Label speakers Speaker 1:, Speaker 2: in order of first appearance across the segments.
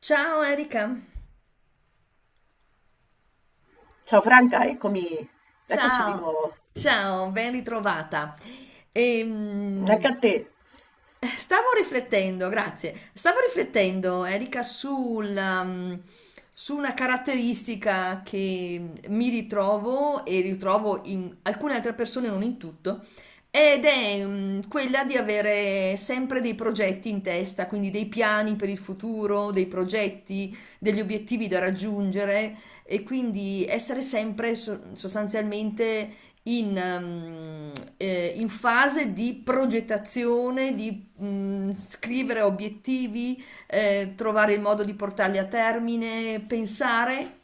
Speaker 1: Ciao Erika,
Speaker 2: Ciao Franca, eccomi, eccoci di
Speaker 1: ciao,
Speaker 2: nuovo.
Speaker 1: ciao, ben ritrovata.
Speaker 2: Anche
Speaker 1: Ehm,
Speaker 2: a te.
Speaker 1: Stavo riflettendo, grazie, stavo riflettendo Erika sul, su una caratteristica che mi ritrovo e ritrovo in alcune altre persone, non in tutto, ed è quella di avere sempre dei progetti in testa, quindi dei piani per il futuro, dei progetti, degli obiettivi da raggiungere. E quindi essere sempre sostanzialmente in in fase di progettazione, di scrivere obiettivi, trovare il modo di portarli a termine, pensare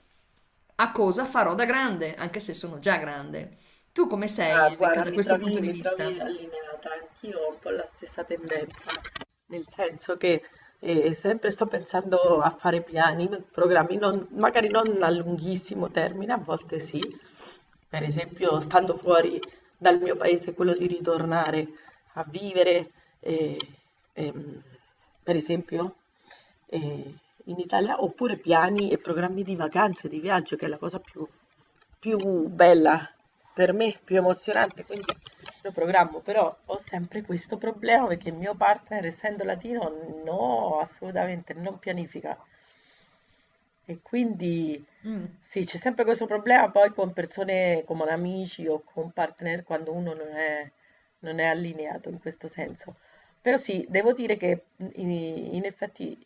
Speaker 1: a cosa farò da grande, anche se sono già grande. Tu come
Speaker 2: Ah,
Speaker 1: sei, Enrica,
Speaker 2: guarda,
Speaker 1: da questo punto di
Speaker 2: mi trovi
Speaker 1: vista?
Speaker 2: allineata, anch'io ho un po' la stessa tendenza, nel senso che sempre sto pensando a fare piani, programmi, magari non a lunghissimo termine, a volte sì, per esempio stando fuori dal mio paese, quello di ritornare a vivere, eh, ehm, per esempio eh, in Italia, oppure piani e programmi di vacanze, di viaggio, che è la cosa più bella per me, più emozionante, quindi lo programmo, però ho sempre questo problema perché il mio partner, essendo latino, no, assolutamente non pianifica. E quindi
Speaker 1: Mm.
Speaker 2: sì, c'è sempre questo problema poi con persone come amici o con partner quando uno non è allineato in questo senso. Però sì, devo dire che in effetti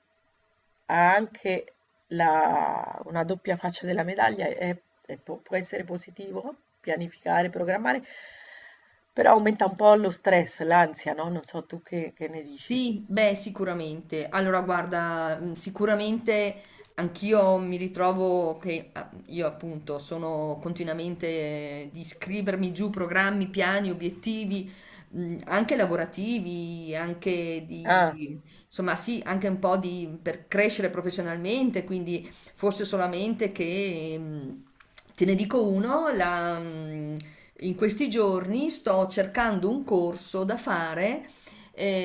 Speaker 2: ha anche una doppia faccia della medaglia, può essere positivo pianificare, programmare, però aumenta un po' lo stress, l'ansia, no? Non so tu che ne dici.
Speaker 1: Sì, beh, sicuramente. Allora, guarda, sicuramente anch'io mi ritrovo che io appunto sono continuamente di scrivermi giù programmi, piani, obiettivi, anche lavorativi, anche
Speaker 2: Ah,
Speaker 1: di, insomma, sì, anche un po' di per crescere professionalmente, quindi forse solamente che te ne dico uno, la, in questi giorni sto cercando un corso da fare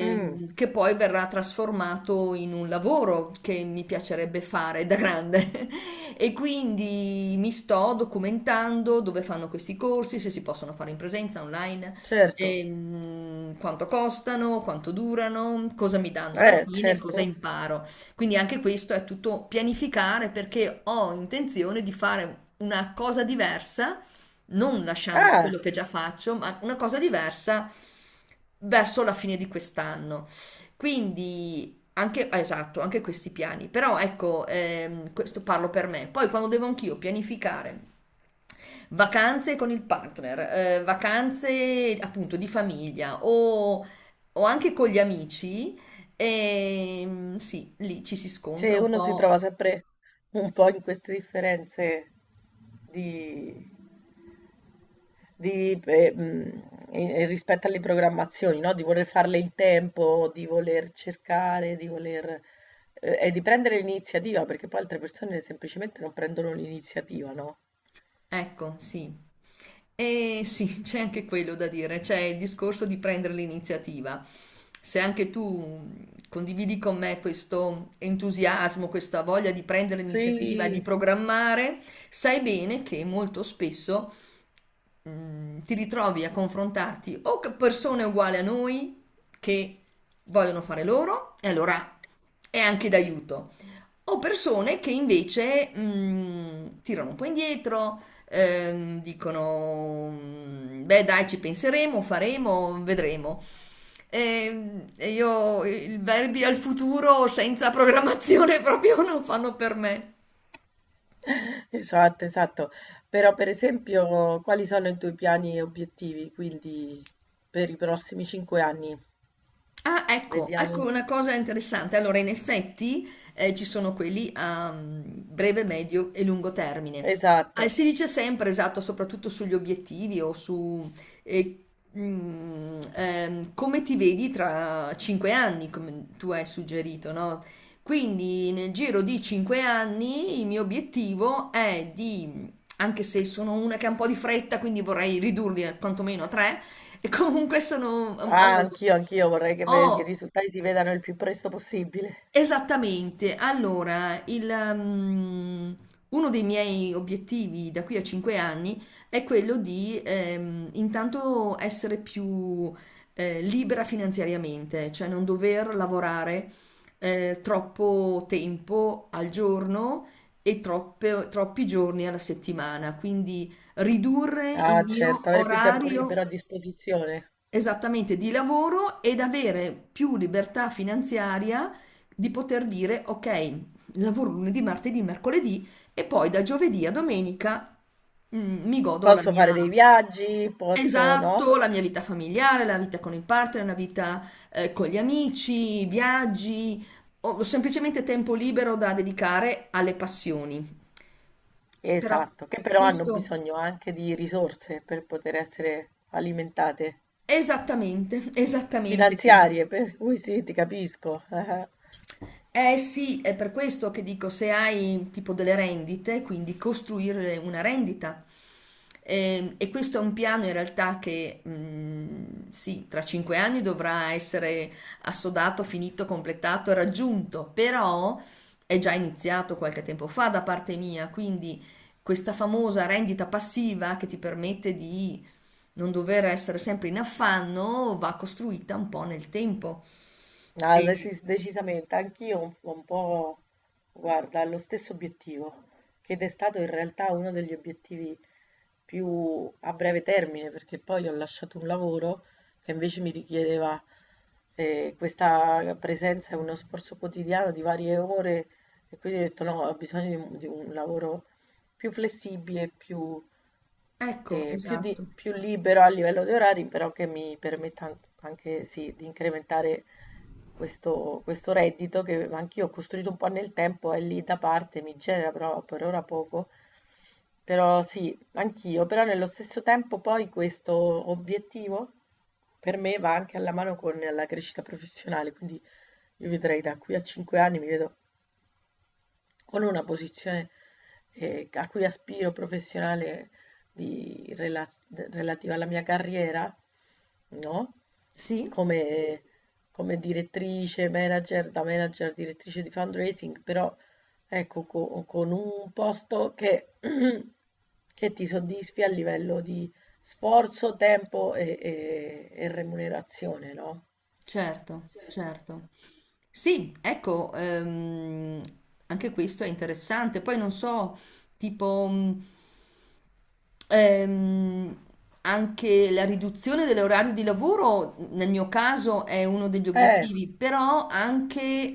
Speaker 2: mm,
Speaker 1: che poi verrà trasformato in un lavoro che mi piacerebbe fare da grande. E quindi mi sto documentando dove fanno questi corsi, se si possono fare in presenza, online,
Speaker 2: certo,
Speaker 1: quanto costano, quanto durano, cosa mi danno alla fine, cosa
Speaker 2: certo.
Speaker 1: imparo. Quindi anche questo è tutto pianificare, perché ho intenzione di fare una cosa diversa non lasciando
Speaker 2: Ah,
Speaker 1: quello che già faccio, ma una cosa diversa verso la fine di quest'anno. Quindi anche, ah, esatto, anche questi piani. Però ecco, questo parlo per me. Poi quando devo anch'io pianificare vacanze con il partner, vacanze appunto di famiglia o anche con gli amici, sì, lì ci si scontra
Speaker 2: cioè
Speaker 1: un
Speaker 2: uno si
Speaker 1: po'.
Speaker 2: trova sempre un po' in queste differenze di, di, e rispetto alle programmazioni, no? Di voler farle in tempo, di voler cercare, di voler... e di prendere l'iniziativa, perché poi altre persone semplicemente non prendono l'iniziativa, no?
Speaker 1: Ecco, sì. Eh sì, c'è anche quello da dire, c'è il discorso di prendere l'iniziativa. Se anche tu condividi con me questo entusiasmo, questa voglia di prendere l'iniziativa, di
Speaker 2: Sì,
Speaker 1: programmare, sai bene che molto spesso ti ritrovi a confrontarti o con persone uguali a noi che vogliono fare loro, e allora è anche d'aiuto, o persone che invece tirano un po' indietro, dicono, beh dai, ci penseremo, faremo, vedremo. E io i verbi al futuro senza programmazione proprio non fanno per me.
Speaker 2: esatto, esatto. Però per esempio, quali sono i tuoi piani e obiettivi, quindi per i prossimi 5 anni?
Speaker 1: Ah, ecco, ecco
Speaker 2: Vediamo.
Speaker 1: una cosa interessante. Allora, in effetti ci sono quelli a breve, medio e lungo termine.
Speaker 2: Esatto.
Speaker 1: Si dice sempre, esatto, soprattutto sugli obiettivi o su eh, come ti vedi tra 5 anni, come tu hai suggerito, no? Quindi nel giro di 5 anni il mio obiettivo è di, anche se sono una che ha un po' di fretta, quindi vorrei quantomeno a tre, e comunque sono...
Speaker 2: Ah,
Speaker 1: ho-
Speaker 2: anch'io vorrei che i
Speaker 1: Oh,
Speaker 2: risultati si vedano il più presto possibile.
Speaker 1: esattamente. Allora, il, uno dei miei obiettivi da qui a 5 anni è quello di intanto essere più libera finanziariamente, cioè non dover lavorare troppo tempo al giorno e troppi giorni alla settimana, quindi ridurre il
Speaker 2: Ah,
Speaker 1: mio
Speaker 2: certo, avere più tempo libero
Speaker 1: orario.
Speaker 2: a disposizione.
Speaker 1: Esattamente, di lavoro ed avere più libertà finanziaria di poter dire ok, lavoro lunedì, martedì, mercoledì e poi da giovedì a domenica mi godo la
Speaker 2: Posso fare
Speaker 1: mia...
Speaker 2: dei viaggi, posso, no?
Speaker 1: Esatto, la mia vita familiare, la vita con il partner, la vita con gli amici, viaggi, o semplicemente tempo libero da dedicare alle passioni. Però
Speaker 2: Esatto, che però hanno
Speaker 1: questo
Speaker 2: bisogno anche di risorse per poter essere alimentate,
Speaker 1: esattamente, esattamente, quindi.
Speaker 2: finanziarie, per cui sì, ti capisco.
Speaker 1: Eh sì, è per questo che dico, se hai tipo delle rendite, quindi costruire una rendita. E questo è un piano in realtà che sì, tra 5 anni dovrà essere assodato, finito, completato e raggiunto, però è già iniziato qualche tempo fa da parte mia, quindi questa famosa rendita passiva che ti permette di non dover essere sempre in affanno va costruita un po' nel tempo.
Speaker 2: Ah,
Speaker 1: E,
Speaker 2: decisamente, anch'io un po', guarda, ho lo stesso obiettivo, che è stato in realtà uno degli obiettivi più a breve termine, perché poi ho lasciato un lavoro che invece mi richiedeva questa presenza e uno sforzo quotidiano di varie ore, e quindi ho detto no, ho bisogno di un lavoro più flessibile, più
Speaker 1: ecco,
Speaker 2: eh, più, di-
Speaker 1: esatto.
Speaker 2: più libero a livello di orari, però che mi permetta anche sì, di incrementare questo reddito che anch'io ho costruito un po' nel tempo, è lì da parte, mi genera però per ora poco. Però sì, anch'io, però nello stesso tempo poi questo obiettivo per me va anche alla mano con la crescita professionale, quindi io vedrei da qui a 5 anni mi vedo con una posizione a cui aspiro professionale di rela- relativa alla mia carriera, no?
Speaker 1: Sì,
Speaker 2: Come, come, direttrice, manager, da manager, direttrice di fundraising, però ecco, con un posto che, che ti soddisfi a livello di sforzo, tempo e remunerazione, no?
Speaker 1: certo, certo. Sì, ecco, anche questo è interessante. Poi non so, tipo, ehm, anche la riduzione dell'orario di lavoro, nel mio caso, è uno degli
Speaker 2: Eh,
Speaker 1: obiettivi, però anche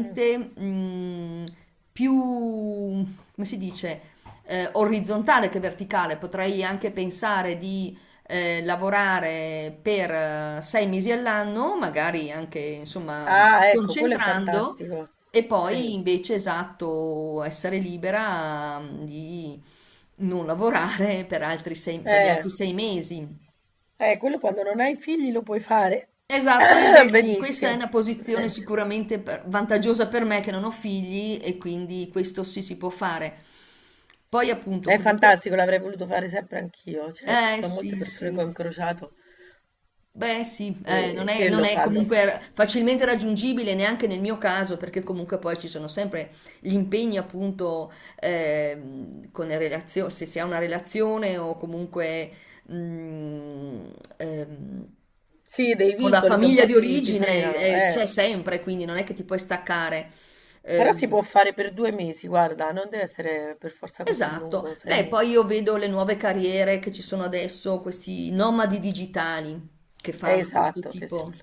Speaker 2: mm.
Speaker 1: più, come si dice, orizzontale che verticale. Potrei anche pensare lavorare per 6 mesi all'anno, magari anche insomma
Speaker 2: Ah, ecco, quello è
Speaker 1: concentrando,
Speaker 2: fantastico.
Speaker 1: e poi
Speaker 2: Sì.
Speaker 1: invece esatto, essere libera di non lavorare per per gli
Speaker 2: Eh,
Speaker 1: altri 6 mesi.
Speaker 2: quello quando non hai figli lo puoi fare
Speaker 1: Esatto, eh beh sì, questa è
Speaker 2: benissimo.
Speaker 1: una posizione
Speaker 2: Eh,
Speaker 1: sicuramente vantaggiosa per me che non ho figli e quindi questo sì si può fare. Poi appunto
Speaker 2: È
Speaker 1: comunque,
Speaker 2: fantastico, l'avrei voluto fare sempre anch'io. Cioè, ci
Speaker 1: eh
Speaker 2: sono molte
Speaker 1: sì
Speaker 2: persone che
Speaker 1: sì,
Speaker 2: ho incrociato
Speaker 1: beh sì,
Speaker 2: che
Speaker 1: non
Speaker 2: lo
Speaker 1: è
Speaker 2: fanno.
Speaker 1: comunque facilmente raggiungibile neanche nel mio caso, perché comunque poi ci sono sempre gli impegni appunto con le relazioni, se si ha una relazione o comunque mm, ehm,
Speaker 2: Sì, dei
Speaker 1: con la
Speaker 2: vincoli che un
Speaker 1: famiglia
Speaker 2: po'
Speaker 1: di
Speaker 2: ti
Speaker 1: origine
Speaker 2: frenano, eh.
Speaker 1: c'è sempre, quindi non è che ti puoi staccare.
Speaker 2: Però si
Speaker 1: Ehm,
Speaker 2: può fare per 2 mesi, guarda, non deve essere per forza così
Speaker 1: esatto.
Speaker 2: lungo, sei
Speaker 1: Beh, poi
Speaker 2: mesi.
Speaker 1: io vedo le nuove carriere che ci sono adesso, questi nomadi digitali che
Speaker 2: È
Speaker 1: fanno questo
Speaker 2: esatto, che si
Speaker 1: tipo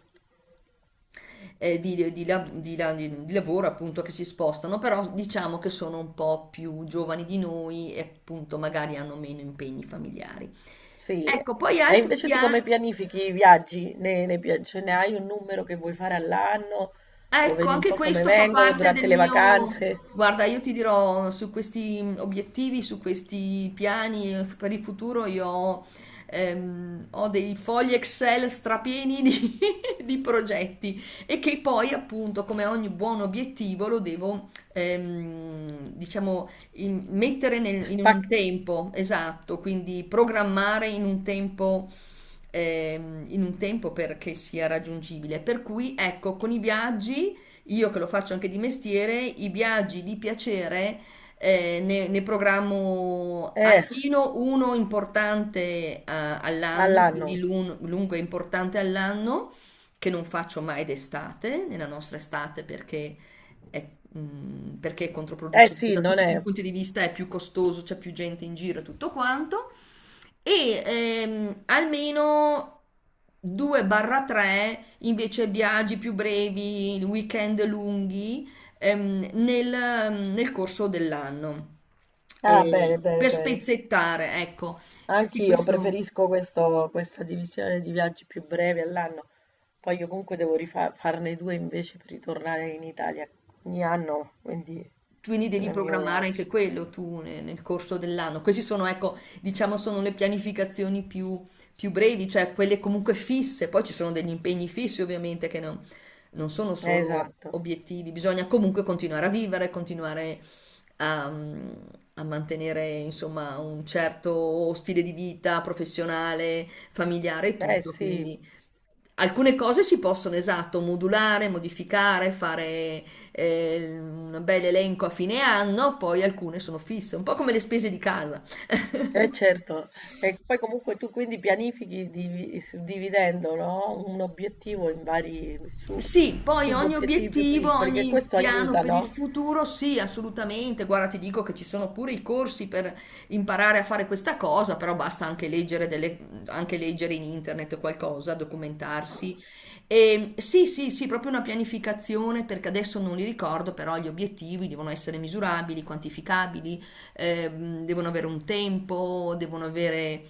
Speaker 1: di, di lavoro appunto, che si spostano, però diciamo che sono un po' più giovani di noi e appunto magari hanno meno impegni familiari.
Speaker 2: sì,
Speaker 1: Ecco, poi
Speaker 2: e
Speaker 1: altri,
Speaker 2: invece tu come pianifichi i viaggi? Ne cioè, ne hai un numero che vuoi fare all'anno? O
Speaker 1: ecco,
Speaker 2: vedi un
Speaker 1: anche
Speaker 2: po' come
Speaker 1: questo fa
Speaker 2: vengono
Speaker 1: parte
Speaker 2: durante
Speaker 1: del
Speaker 2: le
Speaker 1: mio...
Speaker 2: vacanze?
Speaker 1: Guarda, io ti dirò, su questi obiettivi, su questi piani per il futuro, io ho dei fogli Excel strapieni di, di progetti, e che poi, appunto, come ogni buon obiettivo, lo devo, diciamo, in un
Speaker 2: Spac-
Speaker 1: tempo, esatto, quindi programmare in un tempo perché sia raggiungibile. Per cui, ecco, con i viaggi, io che lo faccio anche di mestiere, i viaggi di piacere, ne programmo
Speaker 2: eh,
Speaker 1: almeno uno importante, all'anno, quindi
Speaker 2: all'anno.
Speaker 1: lungo e importante all'anno, che non faccio mai d'estate, nella nostra estate, perché è- perché è
Speaker 2: Eh
Speaker 1: controproducente
Speaker 2: sì,
Speaker 1: da
Speaker 2: non
Speaker 1: tutti i
Speaker 2: è.
Speaker 1: punti di vista, è più costoso, c'è più gente in giro e tutto quanto. E almeno 2-3 invece viaggi più brevi, weekend lunghi ehm, nel, nel corso dell'anno.
Speaker 2: Ah, bene, bene,
Speaker 1: Per
Speaker 2: bene.
Speaker 1: spezzettare, ecco. Sì,
Speaker 2: Anch'io
Speaker 1: questo.
Speaker 2: preferisco questa divisione di viaggi più brevi all'anno. Poi io comunque devo farne due invece per ritornare in Italia ogni anno, quindi
Speaker 1: Quindi
Speaker 2: quello
Speaker 1: devi
Speaker 2: è il mio
Speaker 1: programmare anche
Speaker 2: viaggio.
Speaker 1: quello tu nel corso dell'anno. Questi sono, ecco, diciamo, sono le pianificazioni più, più brevi, cioè quelle comunque fisse. Poi ci sono degli impegni fissi, ovviamente, che non, non sono solo
Speaker 2: Esatto.
Speaker 1: obiettivi. Bisogna comunque continuare a vivere, continuare a, a mantenere, insomma, un certo stile di vita professionale, familiare e
Speaker 2: Eh
Speaker 1: tutto.
Speaker 2: sì.
Speaker 1: Quindi alcune cose si possono, esatto, modulare, modificare, fare un bel elenco a fine anno, poi alcune sono fisse, un po' come le spese di casa.
Speaker 2: Eh certo, e poi comunque tu quindi pianifichi suddividendo, no? Un obiettivo in vari
Speaker 1: Sì, poi ogni
Speaker 2: subobiettivi più
Speaker 1: obiettivo,
Speaker 2: piccoli, che
Speaker 1: ogni
Speaker 2: questo
Speaker 1: piano
Speaker 2: aiuta,
Speaker 1: per il
Speaker 2: no?
Speaker 1: futuro, sì, assolutamente. Guarda, ti dico che ci sono pure i corsi per imparare a fare questa cosa, però basta anche leggere, anche leggere in internet qualcosa, documentarsi. E, sì, sì, sì, proprio una pianificazione, perché adesso non li ricordo, però gli obiettivi devono essere misurabili, quantificabili, devono avere un tempo, devono avere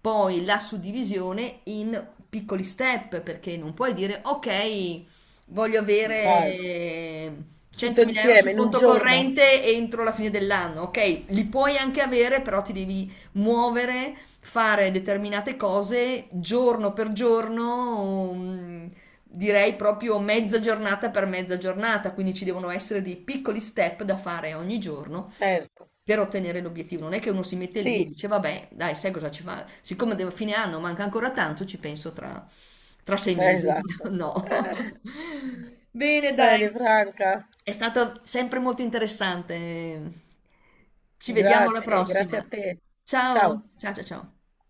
Speaker 1: poi la suddivisione in piccoli step, perché non puoi dire, ok. Voglio
Speaker 2: Va-
Speaker 1: avere
Speaker 2: Tutto
Speaker 1: 100.000 euro
Speaker 2: insieme
Speaker 1: sul
Speaker 2: in un
Speaker 1: conto
Speaker 2: giorno.
Speaker 1: corrente entro la fine dell'anno. Ok, li puoi anche avere, però ti devi muovere, fare determinate cose giorno per giorno, direi proprio mezza giornata per mezza giornata. Quindi ci devono essere dei piccoli step da fare ogni giorno
Speaker 2: Certo,
Speaker 1: per ottenere l'obiettivo. Non è che uno si mette lì e
Speaker 2: sì,
Speaker 1: dice, vabbè, dai, sai cosa ci fa? Siccome fine anno manca ancora tanto, ci penso tra, tra 6 mesi.
Speaker 2: esatto.
Speaker 1: No. Bene, dai.
Speaker 2: Bene, Franca,
Speaker 1: È stato sempre molto interessante. Ci vediamo alla
Speaker 2: grazie,
Speaker 1: prossima.
Speaker 2: grazie a te.
Speaker 1: Ciao,
Speaker 2: Ciao.
Speaker 1: ciao, ciao, ciao.